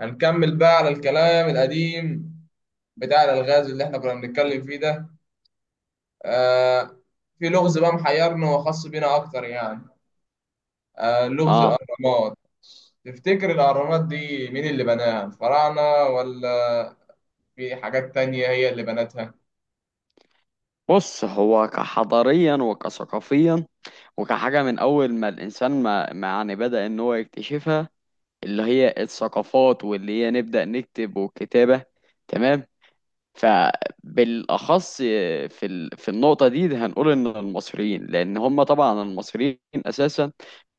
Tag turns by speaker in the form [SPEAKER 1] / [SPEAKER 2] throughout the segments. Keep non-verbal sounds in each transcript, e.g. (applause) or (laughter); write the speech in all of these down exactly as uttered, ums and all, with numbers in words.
[SPEAKER 1] هنكمل بقى على الكلام القديم بتاع الألغاز اللي احنا كنا بنتكلم فيه ده. آه في لغز بقى محيرنا وخاص بينا أكتر، يعني آه لغز
[SPEAKER 2] اه،
[SPEAKER 1] الأهرامات. تفتكر الأهرامات دي مين اللي بناها؟ الفراعنة، ولا في حاجات تانية هي اللي بنتها؟
[SPEAKER 2] بص. هو كحضاريا وكثقافيا وكحاجة من أول ما الإنسان ما, ما يعني بدأ إن هو يكتشفها، اللي هي الثقافات واللي هي نبدأ نكتب والكتابة. تمام. فبالأخص في ال... في النقطة دي, دي هنقول إن المصريين، لأن هم طبعا المصريين أساسا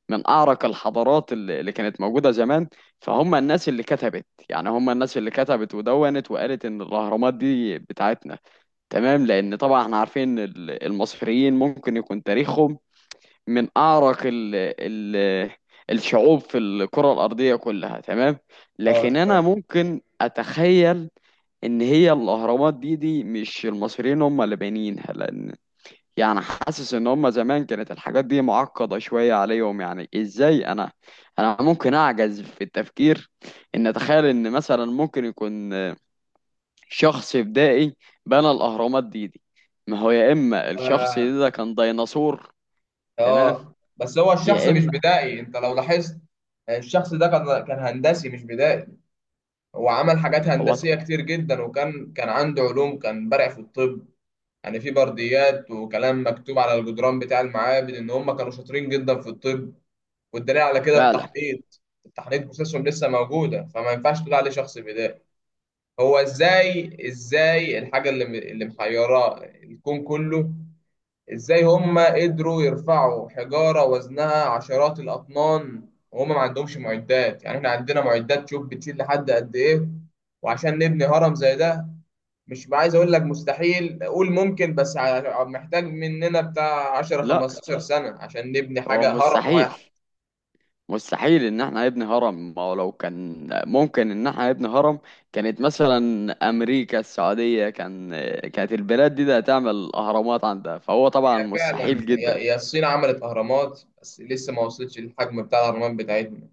[SPEAKER 2] من أعرق الحضارات اللي اللي كانت موجودة زمان، فهم الناس اللي كتبت. يعني هم الناس اللي كتبت ودونت وقالت إن الأهرامات دي بتاعتنا. تمام، لان طبعا احنا عارفين ال- المصريين ممكن يكون تاريخهم من اعرق ال ال الشعوب في الكرة الأرضية كلها. تمام.
[SPEAKER 1] اه،
[SPEAKER 2] لكن انا
[SPEAKER 1] تمام.
[SPEAKER 2] ممكن اتخيل ان هي الاهرامات دي دي مش المصريين هم اللي بانيينها، لان يعني حاسس ان هم زمان كانت الحاجات دي معقدة شوية عليهم. يعني ازاي انا انا ممكن اعجز في التفكير ان اتخيل ان مثلا ممكن يكون شخص بدائي بنى الأهرامات دي دي. ما هو يا إما الشخص
[SPEAKER 1] آه.
[SPEAKER 2] ده, ده كان ديناصور. تمام،
[SPEAKER 1] آه. بس هو الشخص
[SPEAKER 2] يا
[SPEAKER 1] مش
[SPEAKER 2] إما
[SPEAKER 1] بدائي، انت لو لاحظت الشخص ده كان كان هندسي مش بدائي. هو عمل حاجات
[SPEAKER 2] هو ط-
[SPEAKER 1] هندسية كتير جدا، وكان كان عنده علوم، كان بارع في الطب. يعني في برديات وكلام مكتوب على الجدران بتاع المعابد ان هم كانوا شاطرين جدا في الطب، والدليل على كده
[SPEAKER 2] فعلا.
[SPEAKER 1] التحنيط. التحنيط بروسيسهم لسه موجوده، فما ينفعش تقول عليه شخص بدائي. هو ازاي ازاي الحاجه اللي اللي محيراه الكون كله؟ ازاي هم قدروا يرفعوا حجاره وزنها عشرات الاطنان وهم ما عندهمش معدات؟ يعني احنا عندنا معدات، شوف بتشيل لحد قد ايه. وعشان نبني هرم زي ده، مش عايز اقول لك مستحيل، قول ممكن، بس ع- محتاج مننا بتاع عشر
[SPEAKER 2] لا،
[SPEAKER 1] خمسة عشر سنة عشان نبني
[SPEAKER 2] هو
[SPEAKER 1] حاجة هرم
[SPEAKER 2] مستحيل.
[SPEAKER 1] واحد.
[SPEAKER 2] مستحيل إن احنا نبني هرم. ما هو لو كان ممكن إن احنا نبني هرم، كانت مثلا أمريكا، السعودية، كان كانت البلاد دي ده هتعمل أهرامات عندها، فهو طبعا
[SPEAKER 1] هي
[SPEAKER 2] مستحيل
[SPEAKER 1] فعلا، هي
[SPEAKER 2] جدا.
[SPEAKER 1] هي الصين عملت اهرامات بس لسه ما وصلتش للحجم بتاع الاهرامات بتاعتنا.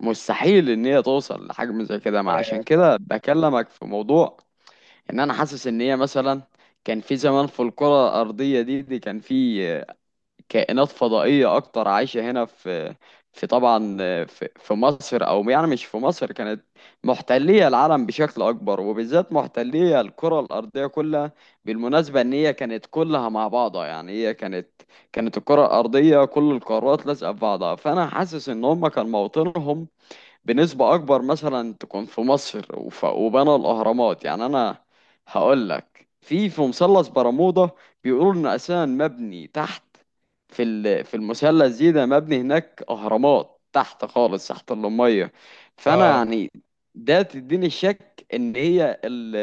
[SPEAKER 2] مستحيل إن هي توصل لحجم زي كده. ما عشان كده بكلمك في موضوع ان انا حاسس ان هي مثلا كان في زمان في الكرة الارضية دي دي كان في كائنات فضائية اكتر عايشة هنا في في طبعا في, في مصر. او يعني مش في مصر، كانت محتلية العالم بشكل اكبر، وبالذات محتلية الكرة الارضية كلها. بالمناسبة ان هي كانت كلها مع بعضها. يعني هي كانت كانت الكرة الارضية كل القارات لازقة في بعضها، فانا حاسس ان هم كان موطنهم بنسبة أكبر مثلا تكون في مصر، وف- وبنوا الأهرامات. يعني أنا هقول لك في في مثلث برمودا بيقولوا إن أساسا مبني تحت. في ال- في المثلث دي ده مبني هناك أهرامات تحت خالص، تحت المية. فأنا
[SPEAKER 1] اه.
[SPEAKER 2] يعني ده تديني الشك إن هي ال-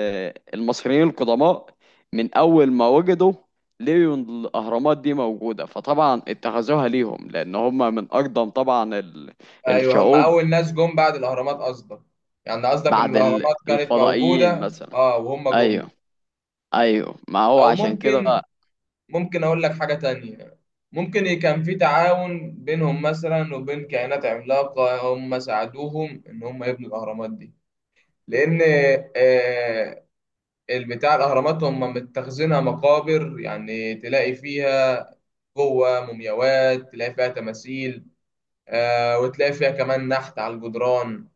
[SPEAKER 2] المصريين القدماء من أول ما وجدوا لقيوا إن الأهرامات دي موجودة، فطبعا اتخذوها ليهم، لأن هم من أقدم طبعا ال-
[SPEAKER 1] ايوه، هم
[SPEAKER 2] الشعوب.
[SPEAKER 1] اول ناس جم بعد الاهرامات قصدك؟ يعني قصدك ان
[SPEAKER 2] بعد ال-
[SPEAKER 1] الاهرامات كانت
[SPEAKER 2] الفضائيين
[SPEAKER 1] موجودة،
[SPEAKER 2] مثلا.
[SPEAKER 1] اه، وهم جم.
[SPEAKER 2] ايوه، ايوه، ما هو
[SPEAKER 1] او
[SPEAKER 2] عشان كده.
[SPEAKER 1] ممكن ممكن اقول لك حاجة تانية. ممكن ي- كان في تعاون بينهم مثلا وبين كائنات عملاقة هم ساعدوهم ان هم يبنوا الاهرامات دي. لان آه، البتاع الاهرامات هم متخزنها مقابر، يعني تلاقي فيها جوه مومياوات، تلاقي فيها تماثيل، آه، وتلاقي فيها كمان نحت على الجدران.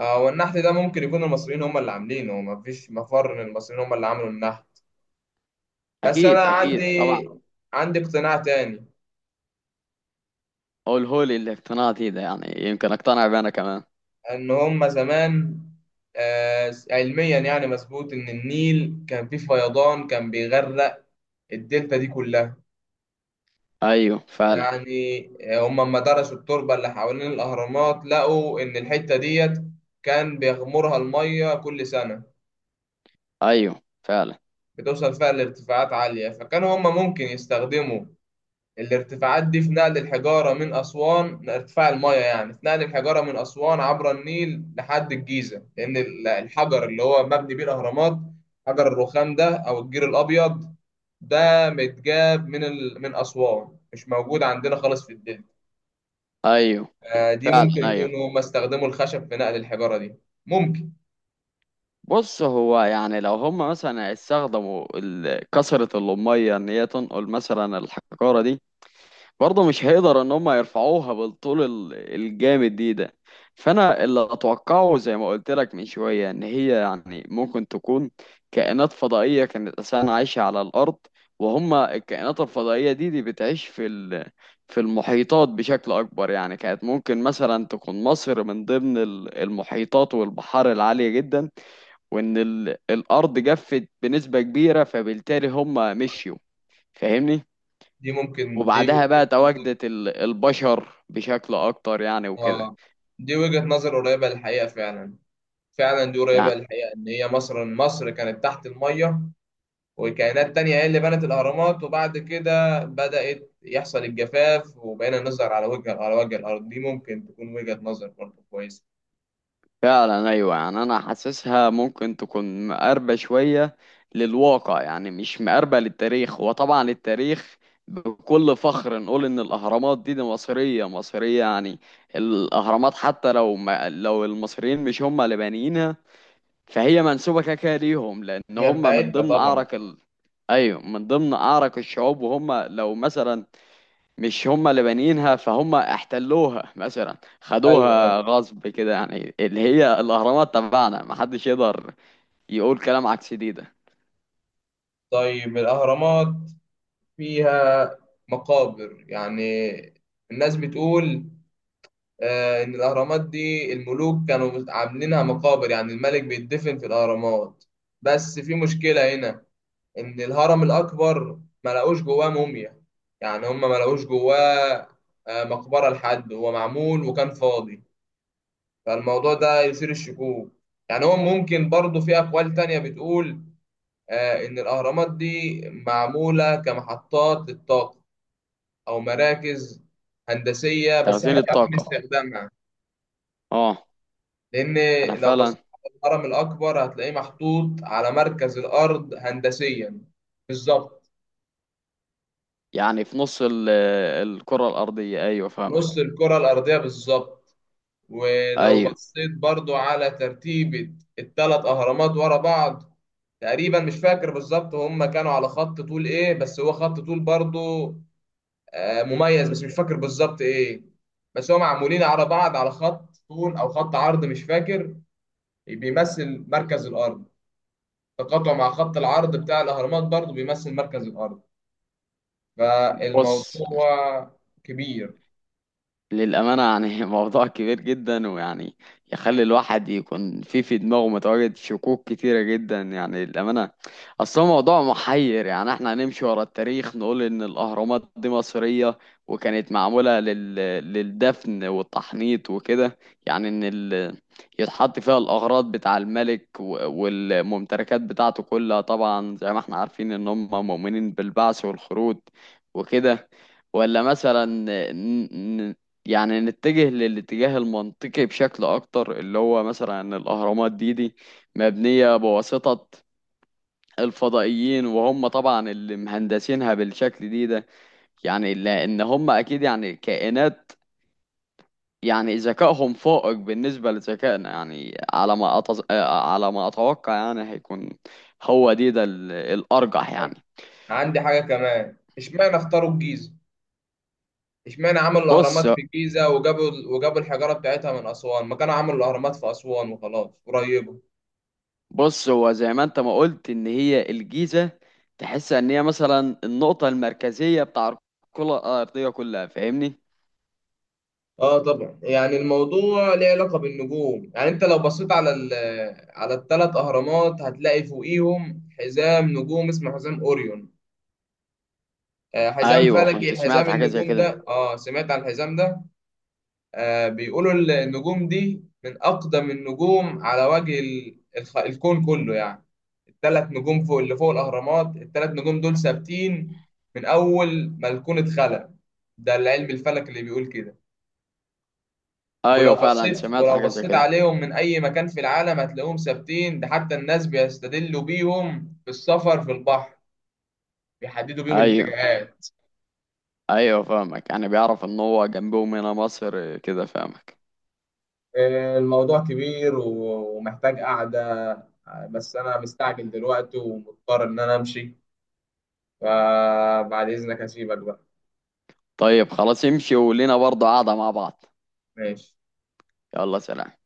[SPEAKER 1] آه، والنحت ده ممكن يكون المصريين هم اللي عاملينه، مفيش مفر ان المصريين هم اللي عملوا النحت. بس انا
[SPEAKER 2] اكيد اكيد طبعا.
[SPEAKER 1] عندي عندي اقتناع تاني.
[SPEAKER 2] هو الهولي اللي اقتنعت بيه ده، يعني يمكن اقتنع بيه انا كمان.
[SPEAKER 1] ان هم زمان آه، علميا يعني مظبوط ان النيل كان فيه فيضان، كان بيغرق الدلتا دي كلها.
[SPEAKER 2] ايوه فعلا.
[SPEAKER 1] يعني آه، هم لما درسوا التربة اللي حوالين الأهرامات لقوا إن الحتة ديت كان بيغمرها المية كل سنة،
[SPEAKER 2] ايوه فعلا.
[SPEAKER 1] بتوصل فيها لارتفاعات عالية. فكانوا هم ممكن يستخدموا الارتفاعات دي في نقل الحجارة من أسوان، ارتفاع المية، يعني في نقل الحجارة من أسوان عبر النيل لحد الجيزة، لأن ال- الحجر اللي هو مبني بيه الأهرامات، حجر الرخام ده أو الجير الأبيض ده، متجاب من ال... من أسوان، مش موجود عندنا خالص في الدنيا.
[SPEAKER 2] ايوه
[SPEAKER 1] آه، دي
[SPEAKER 2] فعلا.
[SPEAKER 1] ممكن
[SPEAKER 2] ايوه.
[SPEAKER 1] يكونوا هم استخدموا الخشب في نقل الحجارة دي. ممكن
[SPEAKER 2] بص، هو يعني لو هم مثلا استخدموا ال- كثرة الأمية إن هي تنقل مثلا الحجارة دي، برضه مش هيقدر ان هم يرفعوها بالطول ال- الجامد دي ده. فانا اللي اتوقعه زي ما قلت لك من شويه، ان هي يعني ممكن تكون كائنات فضائيه كانت اساسا عايشه على الارض. وهم الكائنات الفضائيه دي دي بتعيش في ال- في المحيطات بشكل اكبر، يعني كانت ممكن مثلا تكون مصر من ضمن ال- المحيطات والبحار العاليه جدا. وان ال- الارض جفت بنسبه كبيره، فبالتالي هم مشيوا. فاهمني؟
[SPEAKER 1] دي ممكن دي
[SPEAKER 2] وبعدها بقى
[SPEAKER 1] وجهة نظر.
[SPEAKER 2] تواجدت ال- البشر بشكل اكتر يعني وكده.
[SPEAKER 1] اه، دي وجهة نظر قريبة للحقيقة فعلا. فعلا، دي قريبة
[SPEAKER 2] يعني
[SPEAKER 1] للحقيقة ان هي مصر مصر كانت تحت المية، وكائنات تانية هي اللي بنت الأهرامات، وبعد كده بدأت يحصل الجفاف وبقينا نظهر على وجه على وجه الأرض. دي ممكن تكون وجهة نظر برضه كويسة.
[SPEAKER 2] فعلا. ايوه، يعني انا حاسسها ممكن تكون مقربة شوية للواقع، يعني مش مقربة للتاريخ. وطبعا التاريخ بكل فخر نقول ان الاهرامات دي, دي مصرية مصرية يعني. الاهرامات حتى لو ما لو المصريين مش هم اللي بانيينها، فهي منسوبة كده كده ليهم، لان
[SPEAKER 1] هي
[SPEAKER 2] هم من
[SPEAKER 1] بتاعتنا
[SPEAKER 2] ضمن
[SPEAKER 1] طبعا.
[SPEAKER 2] اعرق ال... ايوه، من ضمن اعرق الشعوب. وهم لو مثلا مش هم اللي بانيينها، فهم احتلوها مثلا،
[SPEAKER 1] أيوه، أيوه.
[SPEAKER 2] خدوها غصب كده. يعني اللي هي الاهرامات تبعنا، محدش يقدر يقول كلام عكس دي ده.
[SPEAKER 1] طيب الأهرامات فيها مقابر، يعني الناس بتقول آه، إن الأهرامات دي الملوك كانوا عاملينها مقابر، يعني الملك بيتدفن في الأهرامات. بس في مشكلة هنا، إن الهرم الأكبر ما لقوش جواه موميا. يعني هم ما لقوش جواه آه، مقبرة. لحد هو معمول وكان فاضي. فالموضوع ده يثير الشكوك. يعني هو ممكن برضه في أقوال تانية بتقول آه، إن الأهرامات دي معمولة كمحطات للطاقة، أو مراكز هندسية بس
[SPEAKER 2] تخزين
[SPEAKER 1] إحنا مش عارفين
[SPEAKER 2] الطاقة.
[SPEAKER 1] استخدامها.
[SPEAKER 2] اه،
[SPEAKER 1] لأن
[SPEAKER 2] انا
[SPEAKER 1] لو
[SPEAKER 2] فعلا.
[SPEAKER 1] بصيت على الهرم الأكبر هتلاقيه محطوط على مركز الأرض هندسيا بالظبط،
[SPEAKER 2] يعني في نص ال- الكرة الارضية. ايوه
[SPEAKER 1] في نص
[SPEAKER 2] فاهمك.
[SPEAKER 1] الكرة الأرضية بالظبط. ولو
[SPEAKER 2] ايوه،
[SPEAKER 1] بصيت برضو على ترتيبة الثلاث أهرامات ورا بعض، تقريبا مش فاكر بالظبط هم كانوا على خط طول إيه، بس هو خط طول برضو آه، مميز، بس مش فاكر بالظبط إيه. بس هم معمولين على بعض على خط طول أو خط عرض مش فاكر، بيمثل مركز الأرض. تقاطع مع خط العرض بتاع الأهرامات برضو بيمثل مركز الأرض. فالموضوع
[SPEAKER 2] بص،
[SPEAKER 1] كبير.
[SPEAKER 2] للأمانة يعني (laughs) موضوع كبير جدا، ويعني يخلي الواحد يكون في في دماغه متواجد شكوك كتيرة جدا، يعني للأمانة. أصل هو موضوع محير. يعني احنا هنمشي ورا التاريخ نقول إن الأهرامات دي مصرية، وكانت معمولة لل... للدفن والتحنيط وكده، يعني إن ال... يتحط فيها الأغراض بتاع الملك و... والممتلكات بتاعته كلها، طبعا زي ما احنا عارفين إن هم مؤمنين بالبعث والخروج وكده. ولا مثلا يعني نتجه للاتجاه المنطقي بشكل اكتر، اللي هو مثلا ان الاهرامات دي دي مبنية بواسطة الفضائيين، وهم طبعا اللي مهندسينها بالشكل دي ده. يعني لان هم اكيد يعني كائنات، يعني ذكائهم فائق بالنسبة لذكائنا، يعني على ما أتز... آه، على ما اتوقع يعني هيكون. هو دي ده ال- الارجح يعني.
[SPEAKER 1] عندي حاجة كمان، اشمعنى اختاروا الجيزة؟ اشمعنى عملوا
[SPEAKER 2] بص
[SPEAKER 1] الأهرامات في الجيزة وجابوا وجابوا الحجارة بتاعتها من أسوان، ما كانوا عملوا الأهرامات في أسوان وخلاص، قريبة.
[SPEAKER 2] بص، هو زي ما انت ما قلت ان هي الجيزة، تحس ان هي مثلا النقطة المركزية بتاع الكرة الأرضية كلها، فاهمني؟
[SPEAKER 1] اه طبعا، يعني الموضوع ليه علاقة بالنجوم، يعني انت لو بصيت على ال على الثلاث أهرامات هتلاقي فوقيهم حزام نجوم اسمه حزام أوريون. آه، حزام
[SPEAKER 2] ايوه كنت
[SPEAKER 1] فلكي، حزام
[SPEAKER 2] سمعت حاجة زي
[SPEAKER 1] النجوم
[SPEAKER 2] كده.
[SPEAKER 1] ده. اه، سمعت عن الحزام ده. آه، بيقولوا النجوم دي من أقدم النجوم على وجه ال- الخ- الكون كله، يعني الثلاث نجوم فوق، اللي فوق الأهرامات، الثلاث نجوم دول ثابتين من أول ما الكون اتخلق. ده العلم الفلك اللي بيقول كده.
[SPEAKER 2] ايوه
[SPEAKER 1] ولو
[SPEAKER 2] فعلا
[SPEAKER 1] بصيت
[SPEAKER 2] سمعت
[SPEAKER 1] ولو
[SPEAKER 2] حاجة زي
[SPEAKER 1] بصيت
[SPEAKER 2] كده.
[SPEAKER 1] عليهم من أي مكان في العالم هتلاقيهم ثابتين، ده حتى الناس بيستدلوا بيهم في السفر في البحر، بيحددوا بيهم
[SPEAKER 2] ايوه
[SPEAKER 1] الاتجاهات.
[SPEAKER 2] ايوه فاهمك، يعني بيعرف ان هو جنبهم هنا مصر كده، فاهمك؟
[SPEAKER 1] الموضوع كبير و- ومحتاج قعدة، بس أنا مستعجل دلوقتي ومضطر إن أنا أمشي، فبعد إذنك هسيبك بقى.
[SPEAKER 2] طيب خلاص، امشي ولينا برضه قاعدة مع بعض.
[SPEAKER 1] ماشي.
[SPEAKER 2] يلا، سلام.